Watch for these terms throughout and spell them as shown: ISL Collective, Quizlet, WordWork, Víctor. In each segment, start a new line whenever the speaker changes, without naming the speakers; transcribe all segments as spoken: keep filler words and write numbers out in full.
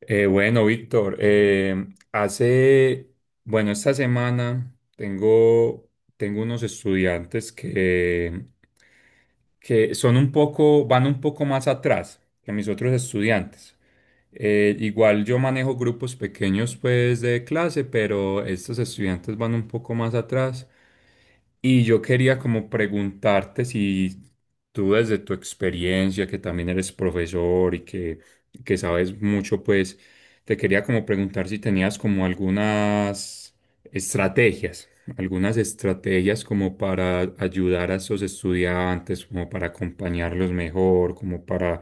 Eh, bueno, Víctor, eh, hace, bueno, esta semana tengo, tengo unos estudiantes que, que son un poco, van un poco más atrás que mis otros estudiantes. Eh, igual yo manejo grupos pequeños pues de clase, pero estos estudiantes van un poco más atrás. Y yo quería como preguntarte si tú desde tu experiencia, que también eres profesor y que que sabes mucho, pues te quería como preguntar si tenías como algunas estrategias, algunas estrategias como para ayudar a esos estudiantes, como para acompañarlos mejor, como para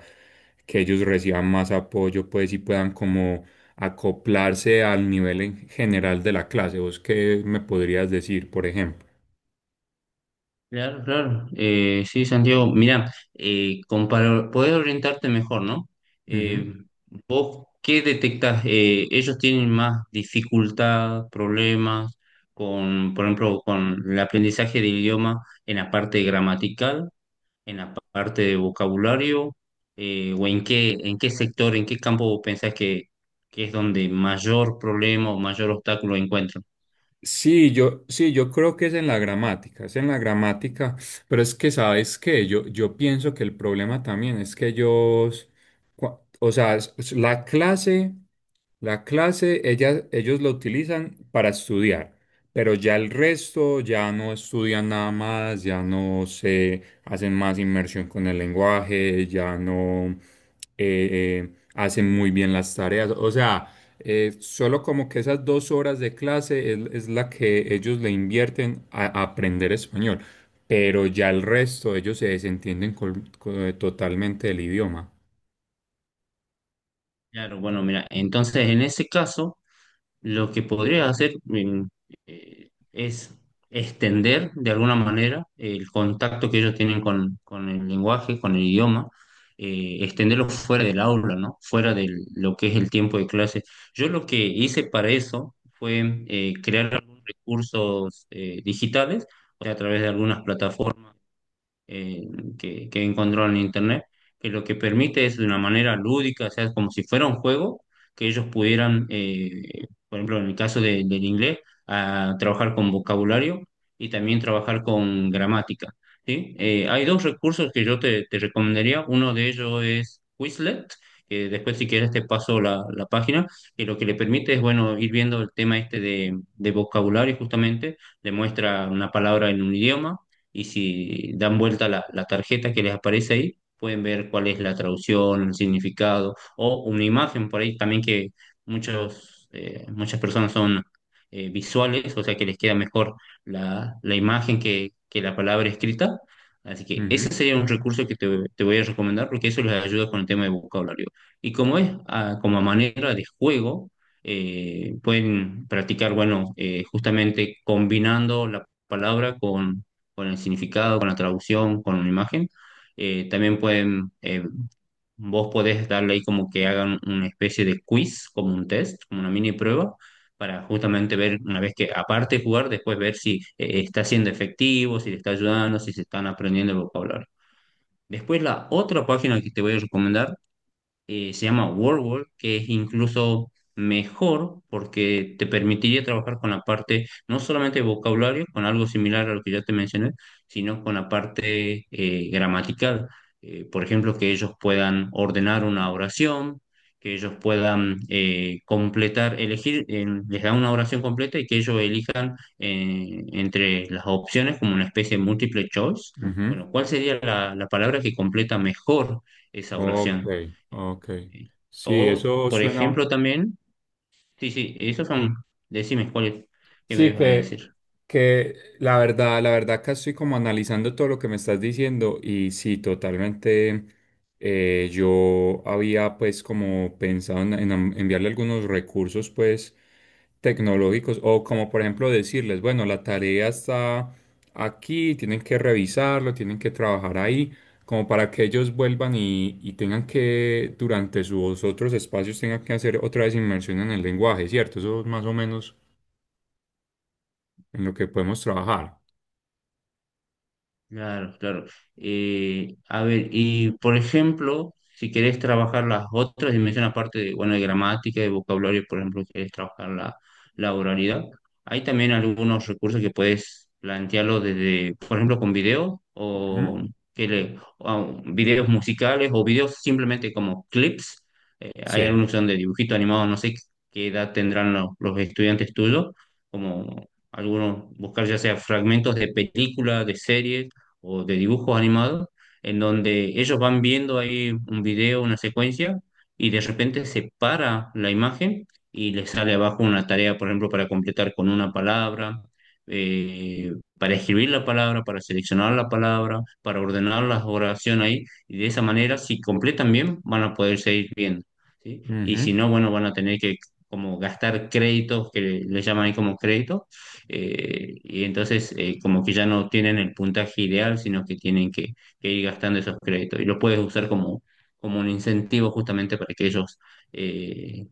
que ellos reciban más apoyo, pues y puedan como acoplarse al nivel en general de la clase. ¿Vos qué me podrías decir, por ejemplo?
Claro, claro. Eh, sí, Santiago, mira, eh, como para poder orientarte mejor, ¿no?
Ujú.
Eh, ¿Vos qué detectás? Eh, ellos tienen más dificultad, problemas con, por ejemplo, con el aprendizaje del idioma en la parte gramatical, en la parte de vocabulario, eh, o en qué, en qué sector, ¿en qué campo vos pensás que, que es donde mayor problema o mayor obstáculo encuentran?
Sí, yo, sí, yo creo que es en la gramática, es en la gramática, pero es que, ¿sabes qué? Yo, yo pienso que el problema también es que ellos, cua- o sea, es- es la clase, la clase, ellas, ellos la utilizan para estudiar, pero ya el resto ya no estudian nada más, ya no se hacen más inmersión con el lenguaje, ya no eh, eh, hacen muy bien las tareas, o sea. Eh, solo como que esas dos horas de clase es, es la que ellos le invierten a, a aprender español, pero ya el resto ellos se desentienden col- co- totalmente del idioma.
Claro, bueno, mira, entonces en ese caso lo que podría hacer mm, eh, es extender de alguna manera el contacto que ellos tienen con, con el lenguaje, con el idioma, eh, extenderlo fuera del aula, ¿no? Fuera de lo que es el tiempo de clase. Yo lo que hice para eso fue eh, crear algunos recursos eh, digitales, o sea, a través de algunas plataformas eh, que, que encontró en internet, que lo que permite es de una manera lúdica, o sea, como si fuera un juego, que ellos pudieran, eh, por ejemplo, en el caso de- del inglés, a trabajar con vocabulario y también trabajar con gramática, ¿sí? Eh, hay dos recursos que yo te, te recomendaría, uno de ellos es Quizlet, que después si quieres te paso la, la página, que lo que le permite es, bueno, ir viendo el tema este de, de vocabulario justamente, demuestra una palabra en un idioma, y si dan vuelta la, la tarjeta que les aparece ahí, pueden ver cuál es la traducción, el significado o una imagen por ahí también que muchos, eh, muchas personas son eh, visuales, o sea que les queda mejor la, la imagen que, que la palabra escrita. Así que ese
Ujú,
sería un recurso que te, te voy a recomendar porque eso les ayuda con el tema de vocabulario. Y como es ah, como manera de juego, eh, pueden practicar, bueno, eh, justamente combinando la palabra con con el significado, con la traducción, con una imagen. Eh, también pueden, eh, vos podés darle ahí como que hagan una especie de quiz, como un test, como una mini prueba, para justamente ver, una vez que aparte de jugar, después ver si eh, está siendo efectivo, si le está ayudando, si se están aprendiendo el vocabulario. Después la otra página que te voy a recomendar eh, se llama WordWork, que es incluso mejor porque te permitiría trabajar con la parte, no solamente de vocabulario, con algo similar a lo que ya te mencioné, sino con la parte eh, gramatical. Eh, por ejemplo, que ellos puedan ordenar una oración, que ellos puedan eh, completar, elegir, en- les da una oración completa y que ellos elijan eh, entre las opciones como una especie de multiple choice.
ujú.
Bueno, ¿cuál sería la la palabra que completa mejor esa
Ok,
oración?
ok.
Sí.
Sí,
O,
eso
por
suena.
ejemplo, también, sí, sí, esos son, decime cuál qué me
Sí,
ibas a
que,
decir.
que la verdad, la verdad acá estoy como analizando todo lo que me estás diciendo y sí, totalmente eh, yo había pues como pensado en, en am- enviarle algunos recursos pues tecnológicos o como por ejemplo decirles, bueno, la tarea está aquí, tienen que revisarlo, tienen que trabajar ahí, como para que ellos vuelvan y, y tengan que durante sus otros espacios tengan que hacer otra vez inmersión en el lenguaje, ¿cierto? Eso es más o menos en lo que podemos trabajar.
Claro, claro. Eh, a ver, y por ejemplo, si querés trabajar las otras dimensiones, aparte de, bueno, de gramática, de vocabulario, por ejemplo, si querés trabajar la, la oralidad, hay también algunos recursos que puedes plantearlo desde, por ejemplo, con videos
Ujú,
o, que le- o videos musicales o videos simplemente como clips. Eh, hay
sí.
algunos que son de dibujito animado, no sé qué edad tendrán los, los estudiantes tuyos, como algunos buscar ya sea fragmentos de películas, de series o de dibujos animados, en donde ellos van viendo ahí un video, una secuencia, y de repente se para la imagen y les sale abajo una tarea, por ejemplo, para completar con una palabra, eh, para escribir la palabra, para seleccionar la palabra, para ordenar la oración ahí, y de esa manera, si completan bien, van a poder seguir viendo, ¿sí? Y
Ujú.
si no, bueno, van a tener que como gastar créditos, que le llaman ahí como créditos, eh, y entonces eh, como que ya no tienen el puntaje ideal, sino que tienen que, que ir gastando esos créditos y lo puedes usar como, como un incentivo justamente para que ellos eh,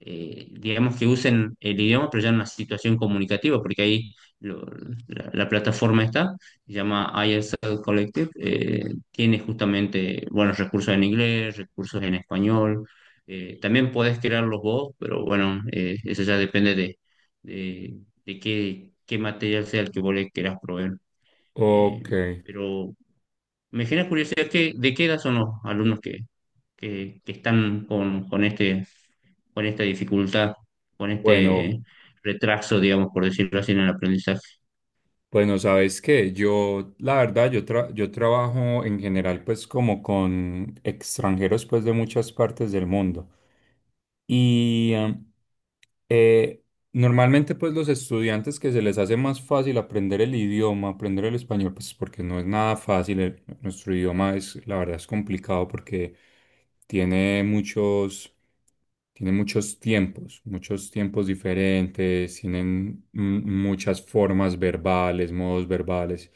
eh, digamos que usen el idioma, pero ya en una situación comunicativa, porque ahí lo- la, la plataforma está, se llama I S L Collective, eh, tiene justamente, bueno, recursos en inglés, recursos en español, eh, también podés crearlos vos, pero bueno, eh, eso ya depende de, de, de qué, qué material sea el que vos le querás proveer. Eh,
Ok.
pero me genera curiosidad que, de qué edad son los alumnos que, que, que están con, con este, con esta dificultad, con
Bueno,
este retraso, digamos, por decirlo así, en el aprendizaje.
bueno, ¿sabes qué? Yo, la verdad, yo, tra- yo trabajo en general pues como con extranjeros pues de muchas partes del mundo. Y am, eh, normalmente pues los estudiantes que se les hace más fácil aprender el idioma, aprender el español, pues porque no es nada fácil, el- nuestro idioma es, la verdad es complicado porque tiene muchos, tiene muchos tiempos, muchos tiempos diferentes, tienen mm, muchas formas verbales, modos verbales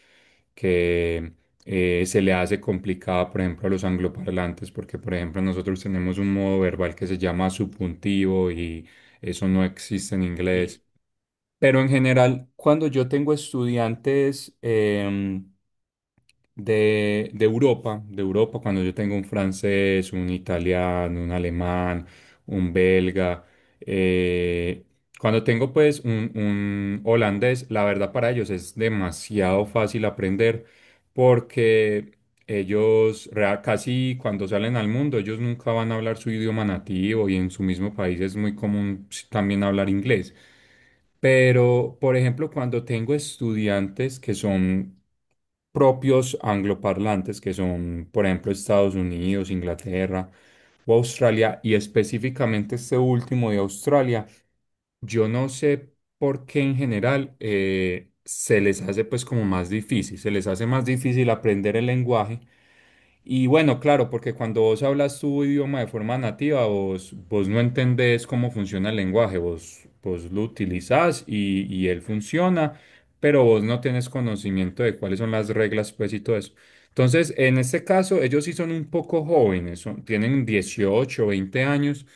que eh, se le hace complicada, por ejemplo, a los angloparlantes, porque, por ejemplo, nosotros tenemos un modo verbal que se llama subjuntivo y eso no existe en inglés. Pero en general, cuando yo tengo estudiantes em, de, de Europa, de Europa, cuando yo tengo un francés, un italiano, un alemán, un belga, eh, cuando tengo pues un, un holandés, la verdad para ellos es demasiado fácil aprender porque ellos rea- casi cuando salen al mundo, ellos nunca van a hablar su idioma nativo y en su mismo país es muy común pues, también hablar inglés. Pero, por ejemplo, cuando tengo estudiantes que son propios angloparlantes, que son, por ejemplo, Estados Unidos, Inglaterra o Australia, y específicamente este último de Australia, yo no sé por qué en general eh, se les hace pues como más difícil, se les hace más difícil aprender el lenguaje y bueno, claro, porque cuando vos hablas tu idioma de forma nativa, vos, vos no entendés cómo funciona el lenguaje, vos, vos lo utilizás y, y él funciona, pero vos no tenés conocimiento de cuáles son las reglas, pues y todo eso. Entonces, en este caso, ellos sí son un poco jóvenes, son- tienen dieciocho, veinte años,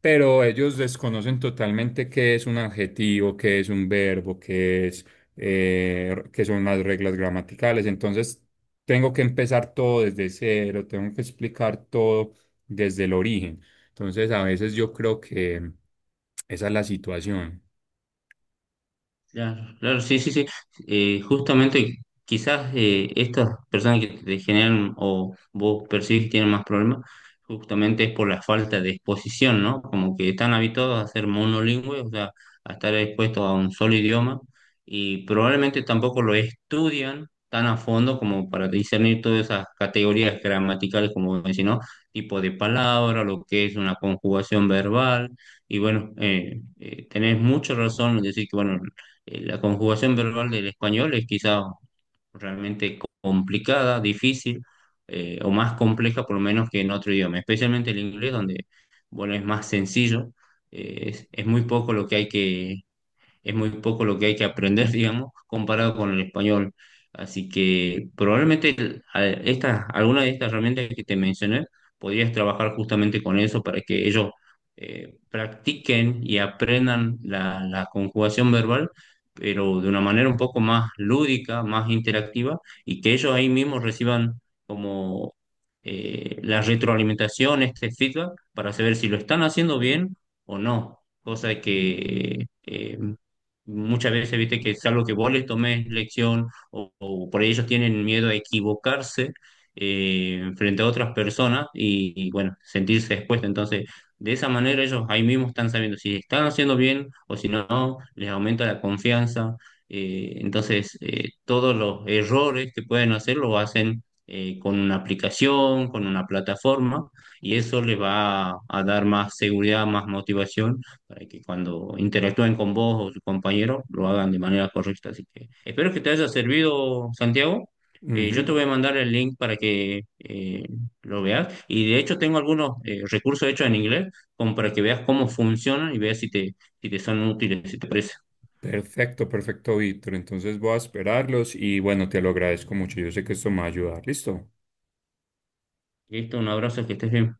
pero ellos desconocen totalmente qué es un adjetivo, qué es un verbo, qué es, eh, qué son las reglas gramaticales. Entonces, tengo que empezar todo desde cero, tengo que explicar todo desde el origen. Entonces, a veces yo creo que esa es la situación.
Claro, claro, sí, sí, sí. Eh, justamente quizás eh, estas personas que te generan o vos percibís que tienen más problemas, justamente es por la falta de exposición, ¿no? Como que están habituados a ser monolingües, o sea, a estar expuestos a un solo idioma y probablemente tampoco lo estudian tan a fondo como para discernir todas esas categorías gramaticales, como decís, ¿no? Tipo de palabra, lo que es una conjugación verbal. Y bueno, eh, eh, tenés mucha razón en decir que bueno, eh, la conjugación verbal del español es quizá realmente complicada, difícil eh, o más compleja por lo menos que en otro idioma, especialmente el inglés donde, bueno, es más sencillo, eh, es, es muy poco lo que hay que, es muy poco lo que hay que aprender, digamos, comparado con el español. Así que probablemente el- a- esta, alguna de estas herramientas que te mencioné, podrías trabajar justamente con eso para que ellos eh, practiquen y aprendan la, la conjugación verbal, pero de una manera un poco más lúdica, más interactiva, y que ellos ahí mismos reciban como eh, la retroalimentación, este feedback, para saber si lo están haciendo bien o no, cosa que eh, muchas veces, viste, que es algo que vos les tomes lección o, o por ahí ellos tienen miedo a equivocarse eh, frente a otras personas y, y, bueno, sentirse expuestos. Entonces, de esa manera ellos ahí mismo están sabiendo si están haciendo bien o si no, les aumenta la confianza. Eh, entonces, eh, todos los errores que pueden hacer lo hacen eh, con una aplicación, con una plataforma y eso les va a a dar más seguridad, más motivación para que cuando interactúen con vos o tus compañero lo hagan de manera correcta. Así que espero que te haya servido, Santiago. Eh, yo
Ujú.
te voy a mandar el link para que eh, lo veas. Y de hecho tengo algunos eh, recursos hechos en inglés como para que veas cómo funcionan y veas si te, si te son útiles, si te parece.
Perfecto, perfecto, Víctor. Entonces voy a esperarlos y bueno, te lo agradezco mucho. Yo sé que esto me va a ayudar. ¿Listo?
Listo, un abrazo, que estés bien.